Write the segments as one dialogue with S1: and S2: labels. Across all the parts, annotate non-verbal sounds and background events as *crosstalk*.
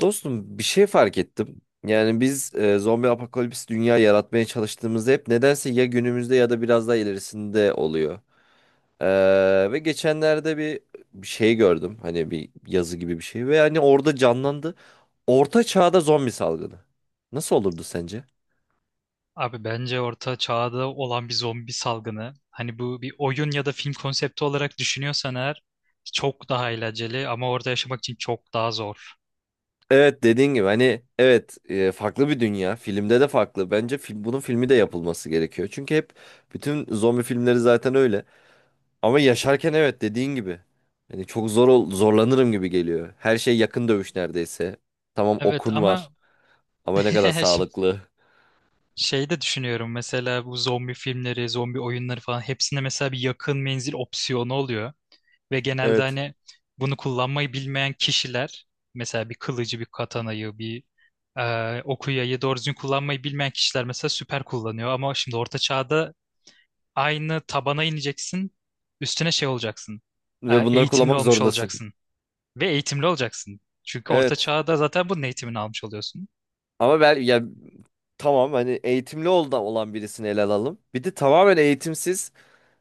S1: Dostum bir şey fark ettim. Yani biz zombi apokalips dünya yaratmaya çalıştığımızda hep nedense ya günümüzde ya da biraz daha ilerisinde oluyor. Ve geçenlerde bir şey gördüm. Hani bir yazı gibi bir şey ve hani orada canlandı. Orta çağda zombi salgını. Nasıl olurdu sence?
S2: Abi bence orta çağda olan bir zombi salgını, hani bu bir oyun ya da film konsepti olarak düşünüyorsan eğer çok daha eğlenceli ama orada yaşamak için çok daha zor.
S1: Evet dediğin gibi hani evet, farklı bir dünya. Filmde de farklı. Bence film, bunun filmi de yapılması gerekiyor. Çünkü hep bütün zombi filmleri zaten öyle. Ama yaşarken evet dediğin gibi. Hani çok zor zorlanırım gibi geliyor. Her şey yakın dövüş neredeyse. Tamam,
S2: Evet
S1: okun var
S2: ama
S1: ama
S2: *laughs*
S1: ne kadar
S2: şimdi
S1: sağlıklı.
S2: şey de düşünüyorum, mesela bu zombi filmleri, zombi oyunları falan, hepsinde mesela bir yakın menzil opsiyonu oluyor ve genelde
S1: Evet. *laughs*
S2: hani bunu kullanmayı bilmeyen kişiler, mesela bir kılıcı, bir katanayı, bir okuyayı doğru düzgün kullanmayı bilmeyen kişiler mesela süper kullanıyor, ama şimdi orta çağda aynı tabana ineceksin. Üstüne şey olacaksın.
S1: Ve bunları
S2: Eğitimli
S1: kullanmak
S2: olmuş
S1: zorundasın.
S2: olacaksın. Ve eğitimli olacaksın. Çünkü orta
S1: Evet.
S2: çağda zaten bunun eğitimini almış oluyorsun.
S1: Ama ben ya, tamam, hani eğitimli olda olan birisini ele alalım. Bir de tamamen eğitimsiz,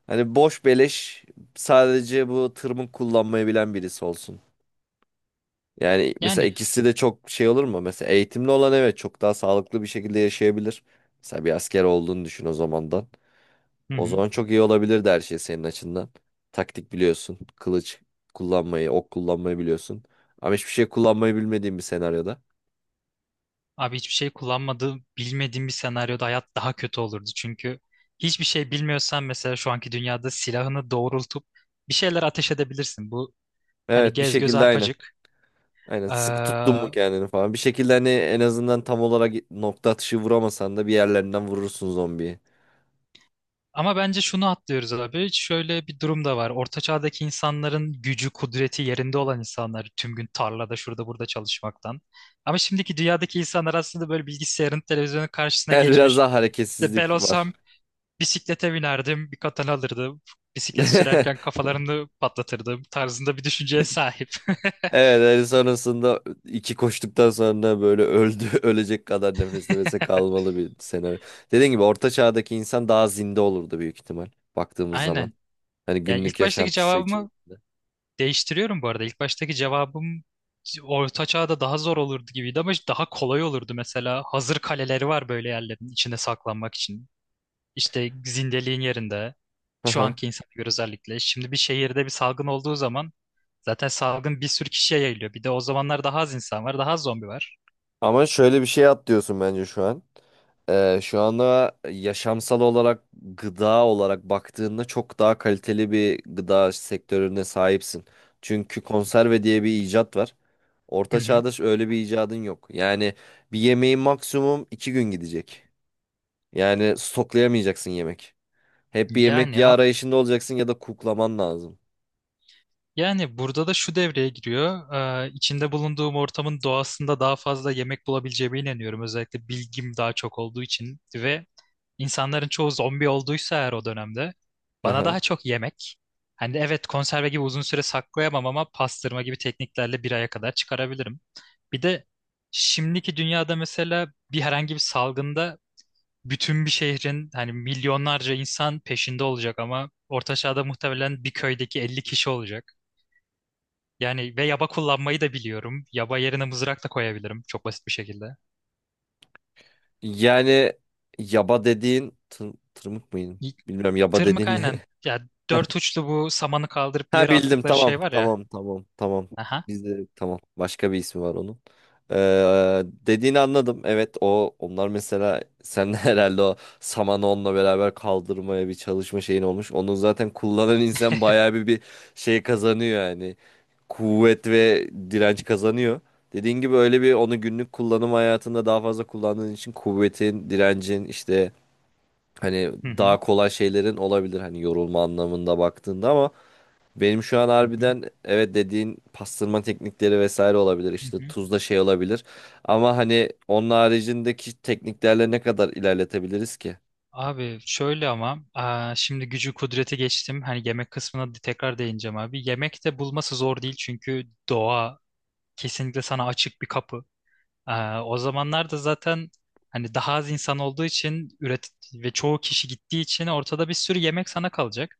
S1: hani boş beleş, sadece bu tırmık kullanmayı bilen birisi olsun. Yani mesela
S2: Yani
S1: ikisi de çok şey olur mu? Mesela eğitimli olan evet çok daha sağlıklı bir şekilde yaşayabilir. Mesela bir asker olduğunu düşün o zaman da.
S2: hı
S1: O
S2: hı.
S1: zaman çok iyi olabilirdi her şey senin açından. Taktik biliyorsun. Kılıç kullanmayı, ok kullanmayı biliyorsun. Ama hiçbir şey kullanmayı bilmediğin bir senaryoda.
S2: Abi hiçbir şey kullanmadığım, bilmediğim bir senaryoda hayat daha kötü olurdu. Çünkü hiçbir şey bilmiyorsan mesela şu anki dünyada silahını doğrultup bir şeyler ateş edebilirsin. Bu hani
S1: Evet, bir
S2: gez göz
S1: şekilde aynen.
S2: arpacık.
S1: Aynen,
S2: Ee,
S1: sıkı tuttun mu kendini falan. Bir şekilde hani en azından tam olarak nokta atışı vuramasan da bir yerlerinden vurursun zombiyi.
S2: Ama bence şunu atlıyoruz abi. Şöyle bir durum da var. Orta çağdaki insanların gücü, kudreti yerinde olan insanlar, tüm gün tarlada şurada burada çalışmaktan. Ama şimdiki dünyadaki insanlar aslında böyle bilgisayarın, televizyonun karşısına
S1: Evet, biraz
S2: geçmiş.
S1: daha
S2: İşte ben
S1: hareketsizlik var.
S2: olsam bisiklete binerdim, bir katana alırdım. Bisiklet sürerken
S1: *laughs*
S2: kafalarını patlatırdım tarzında bir düşünceye sahip. *laughs*
S1: Evet, hani sonrasında iki koştuktan sonra böyle öldü *laughs* ölecek kadar nefes nefese kalmalı bir senaryo. Dediğim gibi orta çağdaki insan daha zinde olurdu büyük ihtimal baktığımız zaman.
S2: Aynen.
S1: Hani
S2: Yani
S1: günlük
S2: ilk baştaki
S1: yaşantısı
S2: cevabımı
S1: içerisinde.
S2: değiştiriyorum bu arada. İlk baştaki cevabım orta Çağ'da daha zor olurdu gibiydi ama işte daha kolay olurdu mesela. Hazır kaleleri var, böyle yerlerin içine saklanmak için. İşte zindeliğin yerinde.
S1: Hı
S2: Şu
S1: hı.
S2: anki insana göre özellikle. Şimdi bir şehirde bir salgın olduğu zaman zaten salgın bir sürü kişiye yayılıyor. Bir de o zamanlar daha az insan var, daha az zombi var.
S1: Ama şöyle bir şey atlıyorsun bence şu an. Şu anda yaşamsal olarak gıda olarak baktığında çok daha kaliteli bir gıda sektörüne sahipsin. Çünkü konserve diye bir icat var.
S2: Hı
S1: Orta
S2: hı.
S1: çağda öyle bir icadın yok. Yani bir yemeğin maksimum iki gün gidecek. Yani stoklayamayacaksın yemek. Hep bir yemek
S2: Yani
S1: ya
S2: a-
S1: arayışında olacaksın ya da kuklaman lazım.
S2: Yani burada da şu devreye giriyor. İçinde bulunduğum ortamın doğasında daha fazla yemek bulabileceğime inanıyorum. Özellikle bilgim daha çok olduğu için ve İnsanların çoğu zombi olduysa eğer o dönemde bana
S1: Aha.
S2: daha çok yemek. Hani evet, konserve gibi uzun süre saklayamam ama pastırma gibi tekniklerle bir aya kadar çıkarabilirim. Bir de şimdiki dünyada mesela bir herhangi bir salgında bütün bir şehrin, hani milyonlarca insan peşinde olacak, ama orta çağda muhtemelen bir köydeki 50 kişi olacak. Yani ve yaba kullanmayı da biliyorum. Yaba yerine mızrak da koyabilirim çok basit bir şekilde.
S1: Yani yaba dediğin tırmık mıydı?
S2: Y-
S1: Bilmiyorum, yaba
S2: Tırmık
S1: dediğin
S2: aynen.
S1: ne? *laughs*
S2: Ya dört uçlu bu samanı kaldırıp bir
S1: Ha
S2: yere
S1: bildim,
S2: attıkları
S1: tamam
S2: şey var ya.
S1: tamam tamam tamam.
S2: Aha.
S1: Bizde tamam, başka bir ismi var onun. Dediğini anladım. Evet, o onlar mesela sen *laughs* de herhalde o samanı onunla beraber kaldırmaya bir çalışma şeyin olmuş. Onu zaten kullanan insan bayağı bir şey kazanıyor yani. Kuvvet ve direnç kazanıyor. Dediğin gibi öyle bir onu günlük kullanım hayatında daha fazla kullandığın için kuvvetin, direncin işte, hani
S2: Hı hı.
S1: daha kolay şeylerin olabilir hani yorulma anlamında baktığında, ama benim şu an
S2: Hı hı.
S1: harbiden evet dediğin pastırma teknikleri vesaire olabilir,
S2: Hı
S1: işte
S2: hı.
S1: tuzla şey olabilir, ama hani onun haricindeki tekniklerle ne kadar ilerletebiliriz ki?
S2: Abi şöyle ama şimdi gücü kudreti geçtim. Hani yemek kısmına tekrar değineceğim abi. Yemek de bulması zor değil, çünkü doğa kesinlikle sana açık bir kapı. O zamanlarda zaten hani daha az insan olduğu için üret ve çoğu kişi gittiği için ortada bir sürü yemek sana kalacak.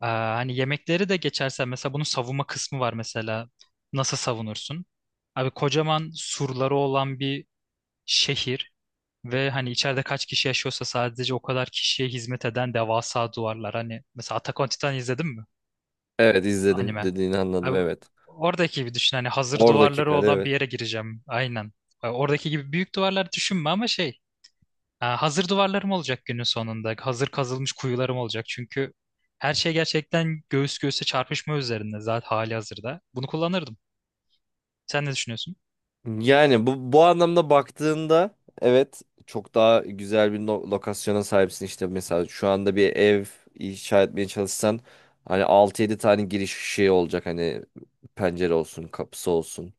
S2: Hani yemekleri de geçersen mesela bunun savunma kısmı var mesela. Nasıl savunursun? Abi kocaman surları olan bir şehir. Ve hani içeride kaç kişi yaşıyorsa sadece o kadar kişiye hizmet eden devasa duvarlar. Hani mesela Attack on Titan izledin mi?
S1: Evet izledim,
S2: Anime.
S1: dediğini anladım,
S2: Abi,
S1: evet.
S2: oradaki gibi düşün. Hani hazır
S1: Oradaki
S2: duvarları
S1: kare,
S2: olan
S1: evet.
S2: bir yere gireceğim. Aynen. Oradaki gibi büyük duvarlar düşünme ama şey. Ha, Hazır duvarlarım olacak günün sonunda. Hazır kazılmış kuyularım olacak. Çünkü her şey gerçekten göğüs göğüse çarpışma üzerinde zaten hali hazırda. Bunu kullanırdım. Sen ne düşünüyorsun?
S1: Yani bu anlamda baktığında evet çok daha güzel bir lokasyona sahipsin. İşte mesela şu anda bir ev inşa etmeye çalışsan hani altı yedi tane giriş şey olacak, hani pencere olsun kapısı olsun.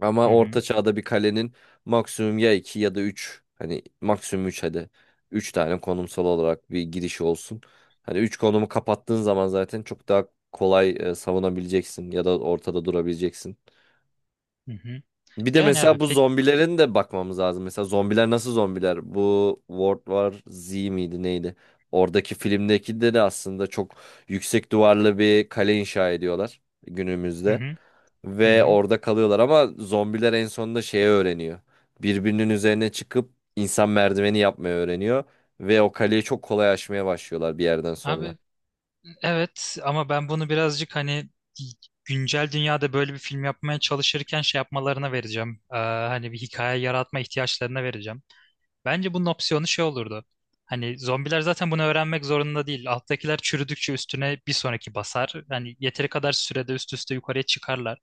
S1: Ama
S2: Hı
S1: orta
S2: hı.
S1: çağda bir kalenin maksimum ya 2 ya da üç, hani maksimum 3 hadi, 3 tane konumsal olarak bir girişi olsun. Hani 3 konumu kapattığın zaman zaten çok daha kolay savunabileceksin ya da ortada durabileceksin.
S2: Hı hı.
S1: Bir de
S2: Yani
S1: mesela
S2: abi
S1: bu
S2: pek...
S1: zombilerin de bakmamız lazım. Mesela zombiler nasıl zombiler? Bu World War Z miydi neydi? Oradaki filmdeki de aslında çok yüksek duvarlı bir kale inşa ediyorlar
S2: Hı
S1: günümüzde.
S2: hı. Hı
S1: Ve
S2: hı.
S1: orada kalıyorlar ama zombiler en sonunda şeyi öğreniyor. Birbirinin üzerine çıkıp insan merdiveni yapmayı öğreniyor. Ve o kaleyi çok kolay aşmaya başlıyorlar bir yerden sonra.
S2: Abi evet ama ben bunu birazcık hani güncel dünyada böyle bir film yapmaya çalışırken şey yapmalarına vereceğim. Hani bir hikaye yaratma ihtiyaçlarına vereceğim. Bence bunun opsiyonu şey olurdu. Hani zombiler zaten bunu öğrenmek zorunda değil. Alttakiler çürüdükçe üstüne bir sonraki basar. Hani yeteri kadar sürede üst üste yukarıya çıkarlar.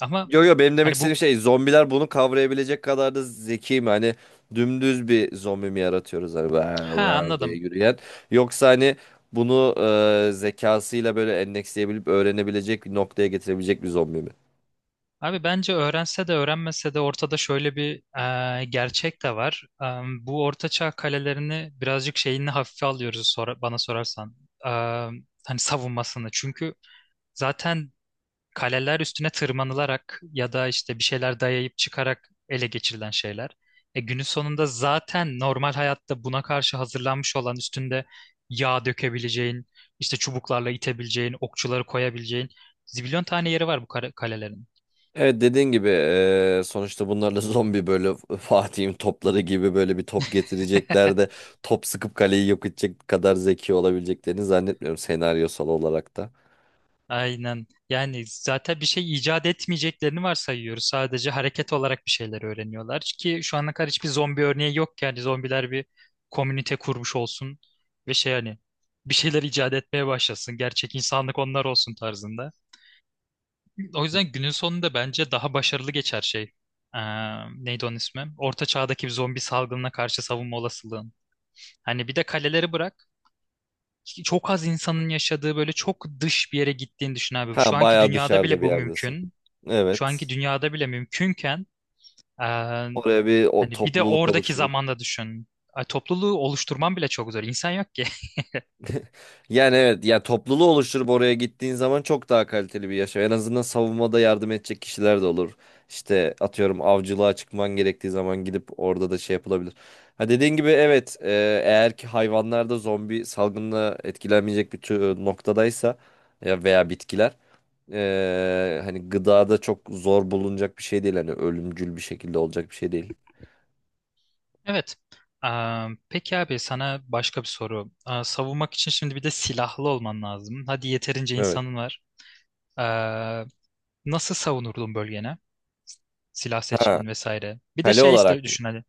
S2: Ama
S1: Yo yo, benim demek
S2: hani bu
S1: istediğim şey, zombiler bunu kavrayabilecek kadar da zeki mi? Hani dümdüz bir zombi mi yaratıyoruz hani "Vav,
S2: Ha,
S1: vav" diye
S2: anladım.
S1: yürüyen. Yoksa hani bunu zekasıyla böyle endeksleyebilip öğrenebilecek bir noktaya getirebilecek bir zombi mi?
S2: Abi bence öğrense de öğrenmese de ortada şöyle bir gerçek de var. Bu ortaçağ kalelerini birazcık şeyini hafife alıyoruz, bana sorarsan. E, Hani savunmasını. Çünkü zaten kaleler üstüne tırmanılarak ya da işte bir şeyler dayayıp çıkarak ele geçirilen şeyler. Günün sonunda zaten normal hayatta buna karşı hazırlanmış olan, üstünde yağ dökebileceğin, işte çubuklarla itebileceğin, okçuları koyabileceğin zibilyon tane yeri var bu kalelerin.
S1: Evet dediğin gibi, sonuçta bunlarla *laughs* zombi böyle Fatih'in topları gibi böyle bir top getirecekler
S2: *laughs*
S1: de top sıkıp kaleyi yok edecek kadar zeki olabileceklerini zannetmiyorum, senaryosal olarak da.
S2: Aynen. Yani zaten bir şey icat etmeyeceklerini varsayıyoruz. Sadece hareket olarak bir şeyler öğreniyorlar. Ki şu ana kadar hiçbir zombi örneği yok ki. Yani zombiler bir komünite kurmuş olsun ve şey hani bir şeyler icat etmeye başlasın. Gerçek insanlık onlar olsun tarzında. O yüzden günün sonunda bence daha başarılı geçer şey. Ee, Neydi onun ismi? Orta çağdaki bir zombi salgınına karşı savunma olasılığın. Hani bir de kaleleri bırak. Çok az insanın yaşadığı böyle çok dış bir yere gittiğini düşün abi. Şu
S1: Ha
S2: anki
S1: bayağı
S2: dünyada
S1: dışarıda
S2: bile
S1: bir
S2: bu
S1: yerdesin.
S2: mümkün, şu anki
S1: Evet.
S2: dünyada bile mümkünken e,
S1: Oraya bir o
S2: hani bir de
S1: topluluk
S2: oradaki
S1: oluşturup.
S2: zamanda düşün. Topluluğu oluşturman bile çok zor. İnsan yok ki. *laughs*
S1: Yani evet ya, topluluğu oluşturup oraya gittiğin zaman çok daha kaliteli bir yaşam. En azından savunmada yardım edecek kişiler de olur. İşte atıyorum avcılığa çıkman gerektiği zaman gidip orada da şey yapılabilir. Ha dediğin gibi evet, eğer ki hayvanlar da zombi salgınla etkilenmeyecek bir tür noktadaysa ya veya bitkiler, hani gıda da çok zor bulunacak bir şey değil. Hani ölümcül bir şekilde olacak bir şey değil.
S2: Evet. E, peki abi, sana başka bir soru. Savunmak için şimdi bir de silahlı olman lazım. Hadi yeterince
S1: Evet.
S2: insanın var. E, Nasıl savunurdun bölgene? Silah
S1: Ha,
S2: seçimin vesaire. Bir de
S1: kale
S2: şey iste
S1: olarak mı?
S2: düşün hani.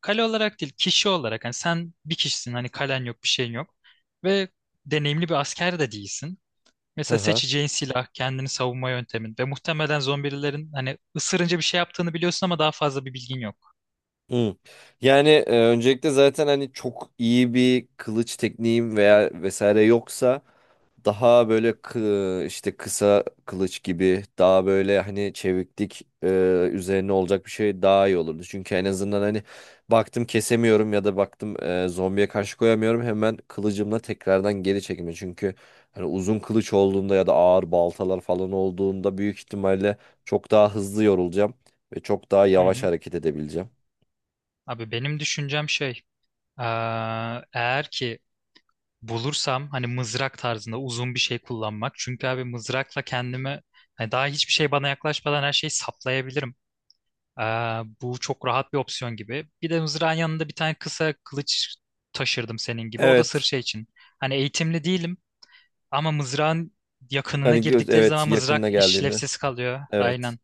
S2: Kale olarak değil, kişi olarak. Hani sen bir kişisin. Hani kalen yok, bir şeyin yok. Ve deneyimli bir asker de değilsin. Mesela
S1: *laughs*
S2: seçeceğin silah, kendini savunma yöntemin, ve muhtemelen zombilerin hani ısırınca bir şey yaptığını biliyorsun ama daha fazla bir bilgin yok.
S1: Hmm. Yani öncelikle zaten hani çok iyi bir kılıç tekniğim veya vesaire yoksa daha böyle işte kısa kılıç gibi daha böyle hani çeviklik üzerine olacak bir şey daha iyi olurdu. Çünkü en azından hani baktım kesemiyorum ya da baktım, zombiye karşı koyamıyorum, hemen kılıcımla tekrardan geri çekme. Çünkü hani uzun kılıç olduğunda ya da ağır baltalar falan olduğunda büyük ihtimalle çok daha hızlı yorulacağım ve çok daha
S2: Hı
S1: yavaş
S2: hı.
S1: hareket edebileceğim.
S2: Abi benim düşüncem şey, eğer ki bulursam hani mızrak tarzında uzun bir şey kullanmak. Çünkü abi mızrakla kendimi hani daha hiçbir şey bana yaklaşmadan her şeyi saplayabilirim. Bu çok rahat bir opsiyon gibi. Bir de mızrağın yanında bir tane kısa kılıç taşırdım senin gibi. O da sırf
S1: Evet.
S2: şey için. Hani eğitimli değilim. Ama mızrağın yakınına
S1: Hani göz,
S2: girdikleri
S1: evet,
S2: zaman
S1: yakınına
S2: mızrak
S1: geldiğinde.
S2: işlevsiz kalıyor.
S1: Evet.
S2: Aynen.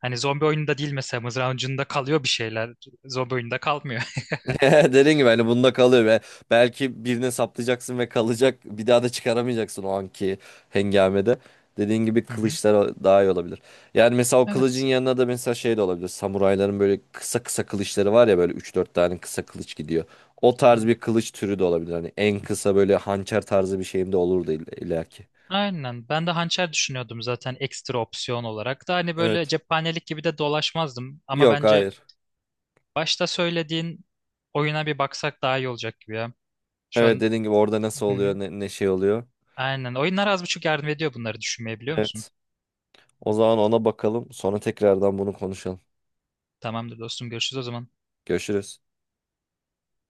S2: Hani zombi oyununda değil, mesela mızrağın ucunda kalıyor bir şeyler. Zombi oyununda kalmıyor.
S1: *laughs* Dediğin gibi hani bunda kalıyor ve belki birine saplayacaksın ve kalacak. Bir daha da çıkaramayacaksın o anki hengamede. Dediğin gibi
S2: *laughs* Hı hı.
S1: kılıçlar daha iyi olabilir. Yani mesela o kılıcın
S2: Evet.
S1: yanına da mesela şey de olabilir. Samurayların böyle kısa kısa kılıçları var ya, böyle üç dört tane kısa kılıç gidiyor. O
S2: Hı.
S1: tarz bir kılıç türü de olabilir. Hani en kısa böyle hançer tarzı bir şeyim de olurdu illaki.
S2: Aynen. Ben de hançer düşünüyordum zaten ekstra opsiyon olarak. Da hani böyle
S1: Evet.
S2: cephanelik gibi de dolaşmazdım. Ama
S1: Yok,
S2: bence
S1: hayır.
S2: başta söylediğin oyuna bir baksak daha iyi olacak gibi ya. Şu
S1: Evet
S2: an
S1: dediğin gibi orada nasıl
S2: hı
S1: oluyor,
S2: hı.
S1: ne şey oluyor.
S2: Aynen. Oyunlar az buçuk yardım ediyor bunları düşünmeye, biliyor musun?
S1: Evet. O zaman ona bakalım. Sonra tekrardan bunu konuşalım.
S2: Tamamdır dostum. Görüşürüz o zaman.
S1: Görüşürüz.